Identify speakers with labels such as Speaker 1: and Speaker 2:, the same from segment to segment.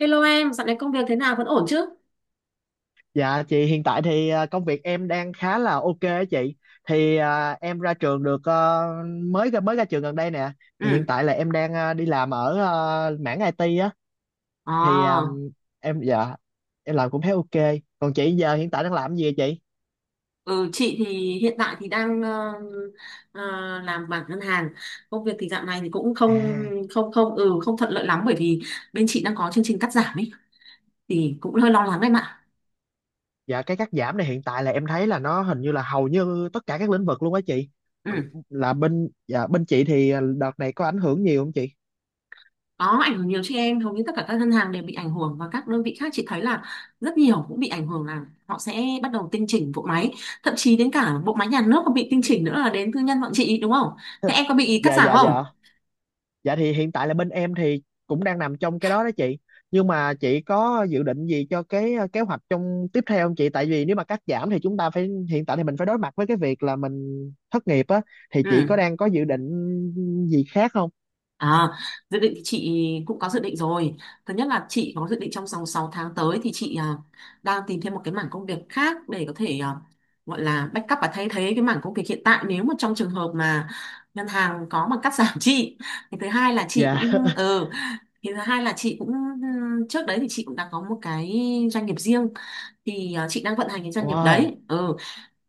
Speaker 1: Hello em, dạo này công việc thế nào vẫn ổn chứ?
Speaker 2: Dạ chị hiện tại thì công việc em đang khá là ok á chị. Thì em ra trường được mới ra trường gần đây nè. Thì hiện
Speaker 1: Ừ.
Speaker 2: tại là em đang đi làm ở mảng IT á. Thì
Speaker 1: À,
Speaker 2: em dạ em làm cũng thấy ok. Còn chị giờ hiện tại đang làm gì vậy chị?
Speaker 1: ừ, chị thì hiện tại thì đang ờ, làm bảng ngân hàng. Công việc thì dạo này thì cũng không
Speaker 2: À,
Speaker 1: không không ừ không thuận lợi lắm bởi vì bên chị đang có chương trình cắt giảm ấy thì cũng hơi lo lắng em ạ.
Speaker 2: dạ cái cắt giảm này hiện tại là em thấy là nó hình như là hầu như tất cả các lĩnh vực luôn á chị.
Speaker 1: Ừ.
Speaker 2: Ờ, Là bên dạ bên chị thì đợt này có ảnh hưởng nhiều không chị?
Speaker 1: Có ảnh hưởng nhiều chứ em, hầu như tất cả các ngân hàng đều bị ảnh hưởng và các đơn vị khác chị thấy là rất nhiều cũng bị ảnh hưởng là họ sẽ bắt đầu tinh chỉnh bộ máy, thậm chí đến cả bộ máy nhà nước còn bị tinh chỉnh nữa là đến tư nhân bọn chị đúng không? Thế em có bị cắt
Speaker 2: Dạ
Speaker 1: giảm
Speaker 2: dạ
Speaker 1: không?
Speaker 2: dạ. Dạ thì hiện tại là bên em thì cũng đang nằm trong cái đó đó chị. Nhưng mà chị có dự định gì cho cái kế hoạch trong tiếp theo không chị? Tại vì nếu mà cắt giảm thì chúng ta phải, hiện tại thì mình phải đối mặt với cái việc là mình thất nghiệp á, thì chị có
Speaker 1: Ừ.
Speaker 2: đang có dự định gì khác không?
Speaker 1: À, dự định thì chị cũng có dự định rồi. Thứ nhất là chị có dự định trong vòng 6 tháng tới thì chị đang tìm thêm một cái mảng công việc khác để có thể gọi là backup và thay thế cái mảng công việc hiện tại nếu mà trong trường hợp mà ngân hàng có mà cắt giảm chị. Thì thứ hai là chị
Speaker 2: Dạ.
Speaker 1: cũng ừ, thì thứ hai là chị cũng trước đấy thì chị cũng đã có một cái doanh nghiệp riêng thì chị đang vận hành cái doanh nghiệp
Speaker 2: Wow.
Speaker 1: đấy. Ừ,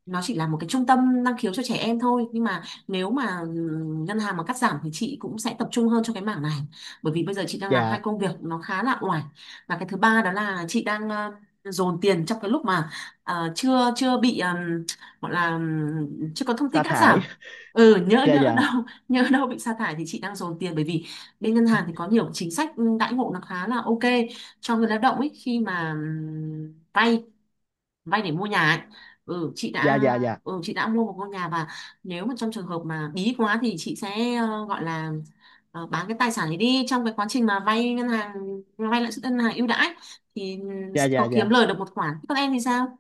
Speaker 1: nó chỉ là một cái trung tâm năng khiếu cho trẻ em thôi nhưng mà nếu mà ngân hàng mà cắt giảm thì chị cũng sẽ tập trung hơn cho cái mảng này bởi vì bây giờ chị đang làm hai
Speaker 2: Dạ,
Speaker 1: công việc nó khá là oải và cái thứ ba đó là chị đang dồn tiền trong cái lúc mà ờ, chưa chưa bị gọi là chưa có thông tin
Speaker 2: sa
Speaker 1: cắt giảm
Speaker 2: thải.
Speaker 1: ừ nhỡ
Speaker 2: Dạ
Speaker 1: nhỡ
Speaker 2: dạ.
Speaker 1: đâu nhỡ đâu bị sa thải thì chị đang dồn tiền bởi vì bên ngân hàng thì có nhiều chính sách đãi ngộ nó khá là ok cho người lao động ấy khi mà vay vay để mua nhà ấy. Ừ, chị
Speaker 2: Dạ
Speaker 1: đã
Speaker 2: dạ dạ.
Speaker 1: chị đã mua một ngôi nhà và nếu mà trong trường hợp mà bí quá thì chị sẽ gọi là bán cái tài sản ấy đi trong cái quá trình mà vay lãi suất ngân hàng ưu đãi thì ừ,
Speaker 2: Dạ
Speaker 1: sẽ
Speaker 2: dạ
Speaker 1: có kiếm
Speaker 2: dạ.
Speaker 1: lời được một khoản. Thế còn em thì sao?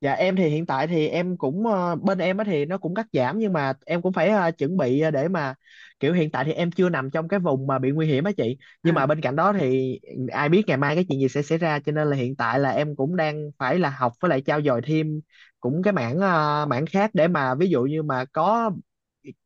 Speaker 2: Dạ em thì hiện tại thì em cũng bên em á thì nó cũng cắt giảm, nhưng mà em cũng phải chuẩn bị để mà kiểu hiện tại thì em chưa nằm trong cái vùng mà bị nguy hiểm á chị.
Speaker 1: Ừ,
Speaker 2: Nhưng mà bên cạnh đó thì ai biết ngày mai cái chuyện gì sẽ xảy ra, cho nên là hiện tại là em cũng đang phải là học với lại trau dồi thêm cũng cái mảng mảng khác, để mà ví dụ như mà có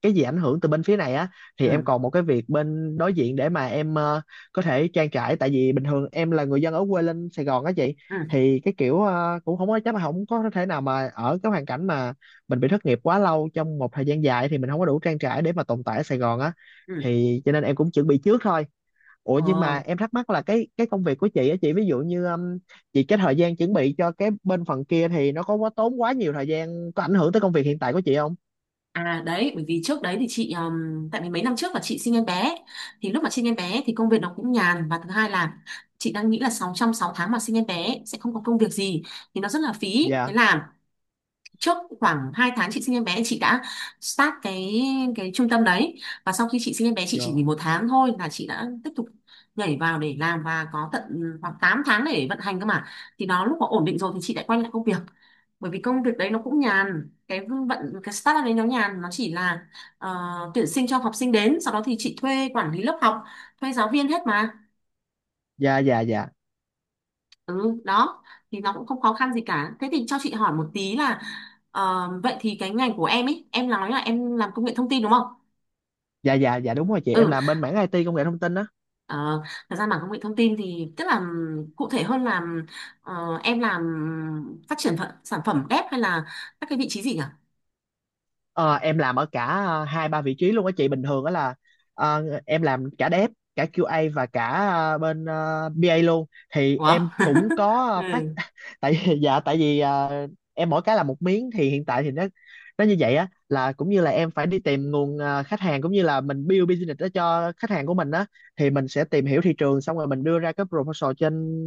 Speaker 2: cái gì ảnh hưởng từ bên phía này á thì
Speaker 1: ừ,
Speaker 2: em còn một cái việc bên đối diện để mà em có thể trang trải. Tại vì bình thường em là người dân ở quê lên Sài Gòn á chị,
Speaker 1: ừ,
Speaker 2: thì cái kiểu cũng không có chắc, là không có thể nào mà ở cái hoàn cảnh mà mình bị thất nghiệp quá lâu trong một thời gian dài thì mình không có đủ trang trải để mà tồn tại ở Sài Gòn á,
Speaker 1: ừ.
Speaker 2: thì cho nên em cũng chuẩn bị trước thôi. Ủa
Speaker 1: Ờ,
Speaker 2: nhưng mà em thắc mắc là cái công việc của chị á chị, ví dụ như chị cái thời gian chuẩn bị cho cái bên phần kia thì nó có quá tốn quá nhiều thời gian, có ảnh hưởng tới công việc hiện tại của chị không?
Speaker 1: à đấy, bởi vì trước đấy thì chị tại vì mấy năm trước là chị sinh em bé thì lúc mà sinh em bé thì công việc nó cũng nhàn và thứ hai là chị đang nghĩ là 6 tháng mà sinh em bé sẽ không có công việc gì thì nó rất là phí thế
Speaker 2: Dạ
Speaker 1: là trước khoảng 2 tháng chị sinh em bé chị đã start cái trung tâm đấy và sau khi chị sinh em bé chị
Speaker 2: dạ
Speaker 1: chỉ nghỉ một tháng thôi là chị đã tiếp tục nhảy vào để làm và có tận khoảng 8 tháng để vận hành cơ mà thì nó lúc mà ổn định rồi thì chị lại quay lại công việc bởi vì công việc đấy nó cũng nhàn cái vận cái startup đấy nó nhàn nó chỉ là tuyển sinh cho học sinh đến sau đó thì chị thuê quản lý lớp học thuê giáo viên hết mà.
Speaker 2: dạ dạ. Dạ
Speaker 1: Ừ, đó thì nó cũng không khó khăn gì cả. Thế thì cho chị hỏi một tí là vậy thì cái ngành của em ấy, em nói là em làm công nghệ thông tin đúng không?
Speaker 2: dạ dạ. Dạ đúng rồi chị, em
Speaker 1: Ừ,
Speaker 2: làm bên mảng IT công nghệ thông tin á.
Speaker 1: ờ, thật ra mà công nghệ thông tin thì tức là cụ thể hơn là em làm phát triển sản phẩm ghép hay là các cái vị trí gì nhỉ?
Speaker 2: Ờ, em làm ở cả hai ba vị trí luôn á chị, bình thường đó là em làm cả dev, cả QA và cả BA luôn, thì
Speaker 1: Ủa?
Speaker 2: em cũng có phát
Speaker 1: ừ,
Speaker 2: dạ tại vì em mỗi cái là một miếng, thì hiện tại thì nó như vậy á, là cũng như là em phải đi tìm nguồn khách hàng, cũng như là mình build business đó cho khách hàng của mình á, thì mình sẽ tìm hiểu thị trường xong rồi mình đưa ra cái proposal trên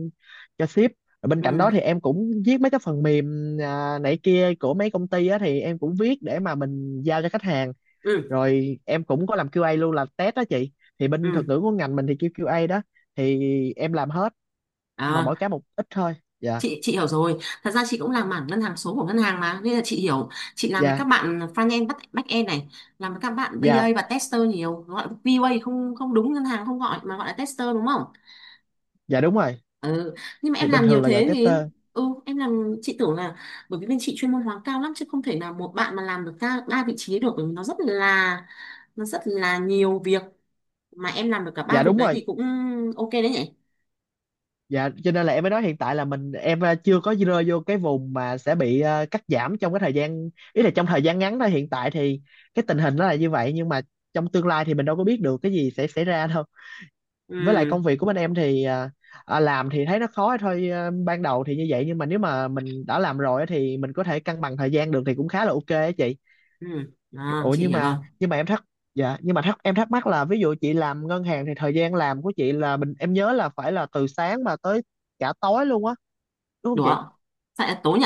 Speaker 2: cho ship, rồi bên cạnh đó
Speaker 1: ừ,
Speaker 2: thì em cũng viết mấy cái phần mềm này kia của mấy công ty á, thì em cũng viết để mà mình giao cho khách hàng,
Speaker 1: ừ,
Speaker 2: rồi em cũng có làm QA luôn, là test đó chị, thì bên thuật
Speaker 1: ừ.
Speaker 2: ngữ của ngành mình thì kêu QA đó, thì em làm hết mà mỗi cái một ít thôi. Dạ
Speaker 1: Chị hiểu rồi. Thật ra chị cũng làm mảng ngân hàng số của ngân hàng mà nên là chị hiểu. Chị làm với các
Speaker 2: dạ
Speaker 1: bạn front end back back end này, làm với các bạn BA
Speaker 2: dạ.
Speaker 1: và tester nhiều, gọi QA không? Không, đúng, ngân hàng không gọi mà gọi là tester đúng không?
Speaker 2: Dạ đúng rồi,
Speaker 1: Ừ. Nhưng mà
Speaker 2: thì
Speaker 1: em
Speaker 2: bình
Speaker 1: làm nhiều
Speaker 2: thường là gọi
Speaker 1: thế thì
Speaker 2: tester.
Speaker 1: ừ em làm chị tưởng là bởi vì bên chị chuyên môn hóa cao lắm chứ không thể nào một bạn mà làm được ba ba vị trí được bởi vì nó rất là nhiều việc mà em làm được cả ba
Speaker 2: Dạ
Speaker 1: việc
Speaker 2: đúng
Speaker 1: đấy
Speaker 2: rồi.
Speaker 1: thì cũng ok đấy nhỉ.
Speaker 2: Dạ, cho nên là em mới nói hiện tại là mình em chưa có rơi vô cái vùng mà sẽ bị cắt giảm trong cái thời gian, ý là trong thời gian ngắn thôi. Hiện tại thì cái tình hình nó là như vậy, nhưng mà trong tương lai thì mình đâu có biết được cái gì sẽ xảy ra đâu. Với lại
Speaker 1: ừ
Speaker 2: công việc của bên em thì làm thì thấy nó khó thôi, ban đầu thì như vậy, nhưng mà nếu mà mình đã làm rồi á thì mình có thể cân bằng thời gian được, thì cũng khá là ok á chị.
Speaker 1: ừ À,
Speaker 2: Ủa
Speaker 1: chị
Speaker 2: nhưng
Speaker 1: hiểu rồi.
Speaker 2: mà nhưng mà em thắc dạ nhưng mà thắc em thắc mắc là ví dụ chị làm ngân hàng thì thời gian làm của chị là mình, em nhớ là phải là từ sáng mà tới cả tối luôn á, đúng không
Speaker 1: Được
Speaker 2: chị?
Speaker 1: không? Tại là tối nhỉ?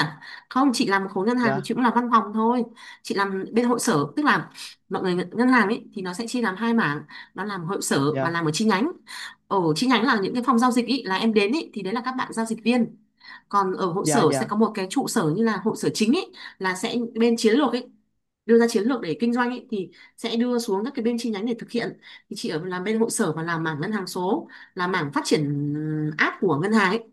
Speaker 1: Không, chị làm khối ngân hàng thì
Speaker 2: Dạ
Speaker 1: chị cũng làm văn phòng thôi. Chị làm bên hội sở, tức là mọi người ngân hàng ấy thì nó sẽ chia làm hai mảng, nó làm hội sở và
Speaker 2: dạ
Speaker 1: làm ở chi nhánh. Ở chi nhánh là những cái phòng giao dịch ý, là em đến ý, thì đấy là các bạn giao dịch viên. Còn ở hội
Speaker 2: dạ
Speaker 1: sở sẽ
Speaker 2: dạ.
Speaker 1: có một cái trụ sở như là hội sở chính ý, là sẽ bên chiến lược ý, đưa ra chiến lược để kinh doanh ý, thì sẽ đưa xuống các cái bên chi nhánh để thực hiện. Thì chị ở làm bên hội sở và làm mảng ngân hàng số, là mảng phát triển app của ngân hàng ấy.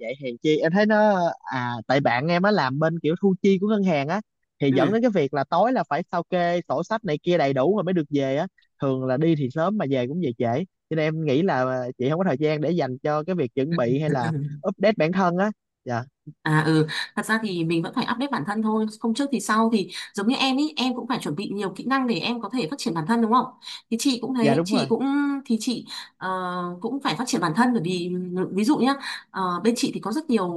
Speaker 2: Vậy hèn chi em thấy nó, à tại bạn em á làm bên kiểu thu chi của ngân hàng á, thì dẫn
Speaker 1: Ừ.
Speaker 2: đến cái việc là tối là phải sao kê sổ sách này kia đầy đủ rồi mới được về á, thường là đi thì sớm mà về cũng về trễ, cho nên em nghĩ là chị không có thời gian để dành cho cái việc chuẩn bị hay là
Speaker 1: Ừ.
Speaker 2: update bản thân á. Dạ.
Speaker 1: À ừ, thật ra thì mình vẫn phải update bản thân thôi, không trước thì sau thì giống như em ý, em cũng phải chuẩn bị nhiều kỹ năng để em có thể phát triển bản thân đúng không? Thì chị cũng
Speaker 2: Dạ
Speaker 1: thế,
Speaker 2: đúng
Speaker 1: chị
Speaker 2: rồi.
Speaker 1: cũng thì chị ờ, cũng phải phát triển bản thân bởi vì ừ, ví dụ nhá, bên chị thì có rất nhiều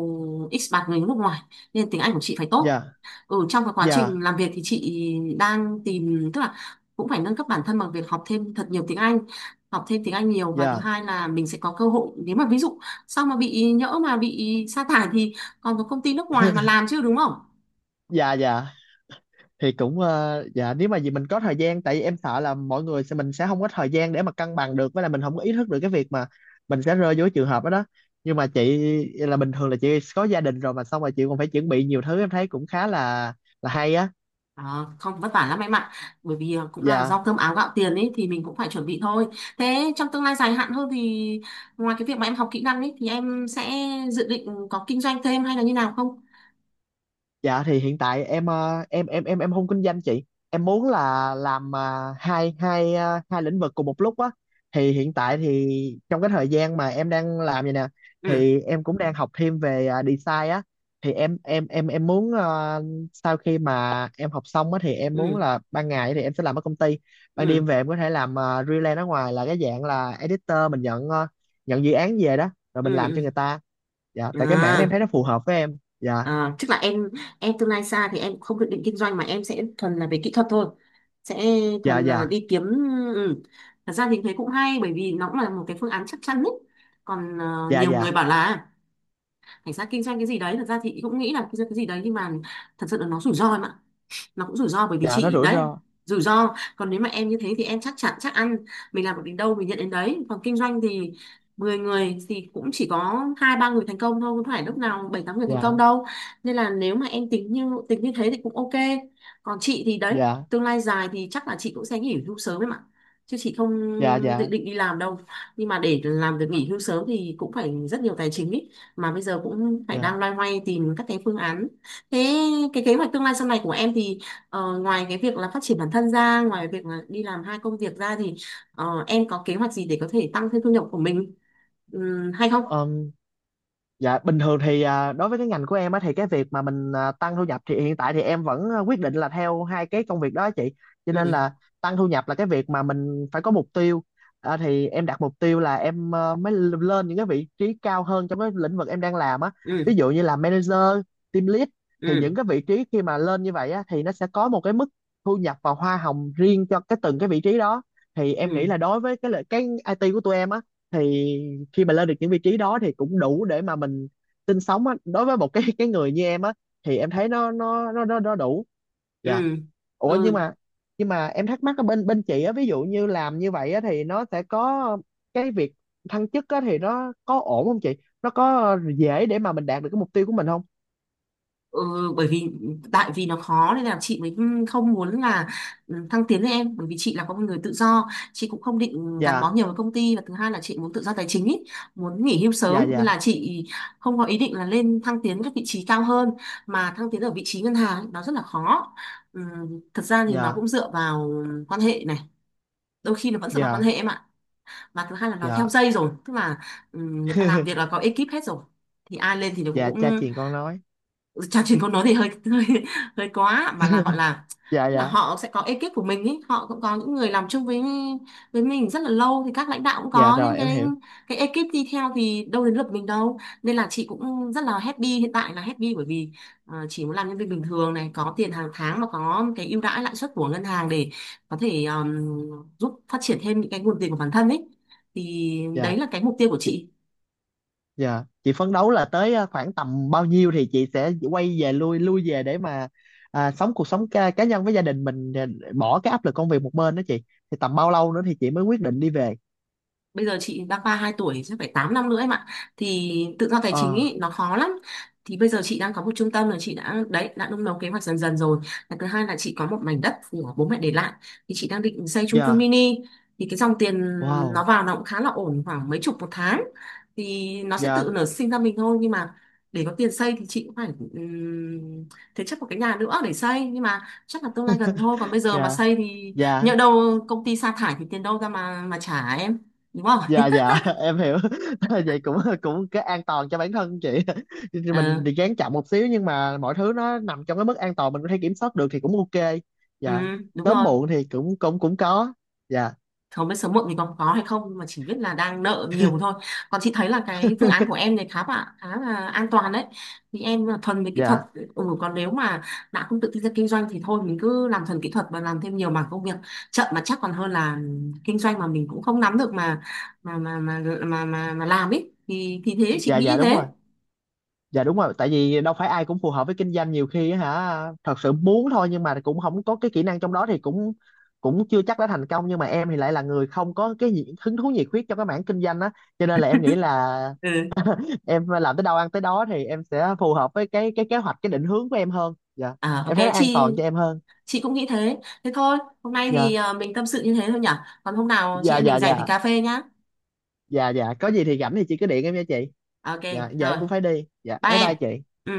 Speaker 1: expat người nước ngoài nên tiếng Anh của chị phải tốt.
Speaker 2: Dạ
Speaker 1: Ừ, trong cái quá
Speaker 2: dạ
Speaker 1: trình làm việc thì chị đang tìm tức là cũng phải nâng cấp bản thân bằng việc học thêm thật nhiều tiếng Anh, học thêm tiếng Anh nhiều và thứ
Speaker 2: dạ
Speaker 1: hai là mình sẽ có cơ hội nếu mà ví dụ sau mà bị nhỡ mà bị sa thải thì còn có công ty nước ngoài mà làm chứ đúng không?
Speaker 2: dạ. Dạ thì cũng dạ nếu mà gì mình có thời gian, tại vì em sợ là mọi người sẽ, mình sẽ không có thời gian để mà cân bằng được, với là mình không có ý thức được cái việc mà mình sẽ rơi vô cái trường hợp đó đó. Nhưng mà chị là bình thường là chị có gia đình rồi, mà xong rồi chị còn phải chuẩn bị nhiều thứ, em thấy cũng khá là hay á.
Speaker 1: Ờ, Không vất vả lắm em ạ bởi vì cũng là
Speaker 2: Dạ.
Speaker 1: do cơm áo gạo tiền ấy thì mình cũng phải chuẩn bị thôi. Thế trong tương lai dài hạn hơn thì ngoài cái việc mà em học kỹ năng ấy thì em sẽ dự định có kinh doanh thêm hay là như nào không?
Speaker 2: Dạ thì hiện tại em em không kinh doanh chị. Em muốn là làm ờ, hai hai ờ, hai lĩnh vực cùng một lúc á. Thì hiện tại thì trong cái thời gian mà em đang làm vậy nè,
Speaker 1: Ừ
Speaker 2: thì em cũng đang học thêm về design á. Thì em muốn sau khi mà em học xong á thì em muốn
Speaker 1: ừ
Speaker 2: là ban ngày thì em sẽ làm ở công ty, ban đêm
Speaker 1: ừ
Speaker 2: về em có thể làm freelance ở ngoài, là cái dạng là editor, mình nhận nhận dự án về đó rồi mình làm cho
Speaker 1: ừ
Speaker 2: người ta. Dạ
Speaker 1: ừ
Speaker 2: tại cái mảng này em
Speaker 1: à,
Speaker 2: thấy nó phù hợp với em. Dạ
Speaker 1: À tức là em tương lai xa thì em không dự định kinh doanh mà em sẽ thuần là về kỹ thuật thôi, sẽ
Speaker 2: dạ.
Speaker 1: thuần là
Speaker 2: Dạ
Speaker 1: đi kiếm. Ừ. Thật ra thì thấy cũng hay bởi vì nó cũng là một cái phương án chắc chắn ấy, còn
Speaker 2: dạ
Speaker 1: nhiều người
Speaker 2: dạ.
Speaker 1: bảo là cảnh sát kinh doanh cái gì đấy thật ra thì cũng nghĩ là kinh doanh cái gì đấy nhưng mà thật sự là nó rủi ro em ạ, nó cũng rủi ro bởi vì
Speaker 2: Dạ nó
Speaker 1: chị
Speaker 2: rủi
Speaker 1: đấy
Speaker 2: ro.
Speaker 1: rủi ro. Còn nếu mà em như thế thì em chắc chắn chắc ăn, mình làm được đến đâu mình nhận đến đấy còn kinh doanh thì 10 người thì cũng chỉ có hai ba người thành công thôi không phải lúc nào bảy tám người thành công
Speaker 2: Dạ
Speaker 1: đâu, nên là nếu mà em tính như thế thì cũng ok. Còn chị thì đấy,
Speaker 2: dạ
Speaker 1: tương lai dài thì chắc là chị cũng sẽ nghỉ hưu sớm em ạ chứ chị không
Speaker 2: dạ.
Speaker 1: dự
Speaker 2: Dạ
Speaker 1: định đi làm đâu, nhưng mà để làm được nghỉ hưu sớm thì cũng phải rất nhiều tài chính ý, mà bây giờ cũng phải đang
Speaker 2: dạ.
Speaker 1: loay hoay tìm các cái phương án. Thế cái kế hoạch tương lai sau này của em thì ngoài cái việc là phát triển bản thân ra ngoài việc là đi làm hai công việc ra thì em có kế hoạch gì để có thể tăng thêm thu nhập của mình, ừm, hay không?
Speaker 2: Ừm. Dạ bình thường thì đối với cái ngành của em á thì cái việc mà mình tăng thu nhập thì hiện tại thì em vẫn quyết định là theo hai cái công việc đó á chị. Cho
Speaker 1: ừ
Speaker 2: nên là tăng thu nhập là cái việc mà mình phải có mục tiêu. Thì em đặt mục tiêu là em lên những cái vị trí cao hơn trong cái lĩnh vực em đang làm á.
Speaker 1: ừ
Speaker 2: Ví dụ như là manager, team lead, thì
Speaker 1: ừ
Speaker 2: những cái vị trí khi mà lên như vậy á thì nó sẽ có một cái mức thu nhập và hoa hồng riêng cho cái từng cái vị trí đó. Thì em
Speaker 1: ừ
Speaker 2: nghĩ là đối với cái IT của tụi em á, thì khi mà lên được những vị trí đó thì cũng đủ để mà mình sinh sống á, đối với một cái người như em á, thì em thấy nó đủ.
Speaker 1: ừ
Speaker 2: Dạ. Ủa
Speaker 1: ừ
Speaker 2: nhưng mà em thắc mắc ở bên bên chị á, ví dụ như làm như vậy á thì nó sẽ có cái việc thăng chức á, thì nó có ổn không chị? Nó có dễ để mà mình đạt được cái mục tiêu của mình không?
Speaker 1: Ừ, bởi vì tại vì nó khó nên là chị mới không muốn là ừ, thăng tiến với em bởi vì chị là có một người tự do chị cũng không định gắn bó
Speaker 2: Dạ
Speaker 1: nhiều với công ty và thứ hai là chị muốn tự do tài chính ý, muốn nghỉ hưu
Speaker 2: dạ
Speaker 1: sớm nên
Speaker 2: dạ.
Speaker 1: là chị không có ý định là lên thăng tiến các vị trí cao hơn, mà thăng tiến ở vị trí ngân hàng ấy, nó rất là khó. Ừ, thật ra thì nó
Speaker 2: Dạ
Speaker 1: cũng dựa vào quan hệ này, đôi khi nó vẫn dựa vào quan hệ
Speaker 2: dạ
Speaker 1: em ạ, và thứ hai là nó
Speaker 2: dạ.
Speaker 1: theo dây rồi tức là ừ, người ta làm việc là có ekip hết rồi, thì ai lên thì nó
Speaker 2: Dạ
Speaker 1: cũng
Speaker 2: cha truyền con nói.
Speaker 1: trò chuyện câu nói thì hơi hơi hơi quá mà là gọi là
Speaker 2: Dạ
Speaker 1: tức là
Speaker 2: dạ
Speaker 1: họ sẽ có ekip của mình ý, họ cũng có những người làm chung với mình rất là lâu thì các lãnh đạo cũng
Speaker 2: dạ
Speaker 1: có những
Speaker 2: rồi em
Speaker 1: cái
Speaker 2: hiểu.
Speaker 1: ekip đi theo thì đâu đến lượt mình đâu, nên là chị cũng rất là happy, hiện tại là happy bởi vì chỉ muốn làm nhân viên bình thường này có tiền hàng tháng và có cái ưu đãi lãi suất của ngân hàng để có thể giúp phát triển thêm những cái nguồn tiền của bản thân ấy, thì đấy
Speaker 2: Dạ.
Speaker 1: là cái mục tiêu của chị.
Speaker 2: Dạ, chị phấn đấu là tới khoảng tầm bao nhiêu thì chị sẽ quay về, lui lui về để mà sống cuộc sống cá nhân với gia đình mình, bỏ cái áp lực công việc một bên đó chị. Thì tầm bao lâu nữa thì chị mới quyết định đi về?
Speaker 1: Bây giờ chị đang ba hai tuổi chắc phải 8 năm nữa em ạ, thì tự do tài chính
Speaker 2: Ờ,
Speaker 1: ý, nó khó lắm. Thì bây giờ chị đang có một trung tâm là chị đã đấy đã nung nấu kế hoạch dần dần rồi, và thứ hai là chị có một mảnh đất của bố mẹ để lại thì chị đang định xây chung cư
Speaker 2: dạ,
Speaker 1: mini, thì cái dòng tiền nó
Speaker 2: wow,
Speaker 1: vào nó cũng khá là ổn khoảng mấy chục một tháng, thì nó sẽ tự
Speaker 2: dạ,
Speaker 1: nở sinh ra mình thôi nhưng mà để có tiền xây thì chị cũng phải um, thế chấp một cái nhà nữa để xây, nhưng mà chắc là tương lai gần thôi còn bây giờ mà
Speaker 2: dạ,
Speaker 1: xây thì nhỡ
Speaker 2: dạ,
Speaker 1: đâu công ty sa thải thì tiền đâu ra mà trả em. Đúng rồi.
Speaker 2: dạ, dạ, em hiểu. Vậy cũng cũng cái an toàn cho bản thân chị. Mình
Speaker 1: Ừ,
Speaker 2: thì gán chậm một xíu, nhưng mà mọi thứ nó nằm trong cái mức an toàn mình có thể kiểm soát được thì cũng ok.
Speaker 1: ừ,
Speaker 2: Dạ,
Speaker 1: đúng
Speaker 2: sớm
Speaker 1: rồi,
Speaker 2: muộn thì cũng cũng cũng có. Dạ,
Speaker 1: không biết sớm muộn thì còn có hay không nhưng mà chỉ biết là đang nợ nhiều thôi. Còn chị thấy là cái phương án của em này khá là an toàn đấy, vì em là thuần về kỹ thuật.
Speaker 2: dạ.
Speaker 1: Ừ, còn nếu mà đã không tự tin ra kinh doanh thì thôi mình cứ làm thuần kỹ thuật và làm thêm nhiều mảng công việc, chậm mà chắc còn hơn là kinh doanh mà mình cũng không nắm được mà mà làm ấy thì thế chị
Speaker 2: Dạ
Speaker 1: nghĩ như
Speaker 2: dạ đúng
Speaker 1: thế.
Speaker 2: rồi. Dạ đúng rồi, tại vì đâu phải ai cũng phù hợp với kinh doanh, nhiều khi á hả thật sự muốn thôi nhưng mà cũng không có cái kỹ năng trong đó thì cũng cũng chưa chắc đã thành công. Nhưng mà em thì lại là người không có cái gì, hứng thú nhiệt huyết trong cái mảng kinh doanh á, cho nên là em nghĩ là
Speaker 1: Ừ.
Speaker 2: em làm tới đâu ăn tới đó, thì em sẽ phù hợp với cái kế hoạch cái định hướng của em hơn. Dạ
Speaker 1: À, ok
Speaker 2: em thấy nó an
Speaker 1: chị
Speaker 2: toàn cho em hơn.
Speaker 1: chị cũng nghĩ thế. Thôi hôm nay thì
Speaker 2: Dạ
Speaker 1: mình tâm sự như thế thôi nhỉ, còn hôm nào chị
Speaker 2: dạ
Speaker 1: em
Speaker 2: dạ.
Speaker 1: mình rảnh thì
Speaker 2: Dạ
Speaker 1: cà phê nhá.
Speaker 2: dạ dạ, có gì thì rảnh thì chị cứ điện em nha chị.
Speaker 1: Ok,
Speaker 2: Dạ giờ
Speaker 1: rồi,
Speaker 2: em cũng phải đi, dạ
Speaker 1: bye
Speaker 2: bye
Speaker 1: em.
Speaker 2: bye chị. Dạ.
Speaker 1: Ừ.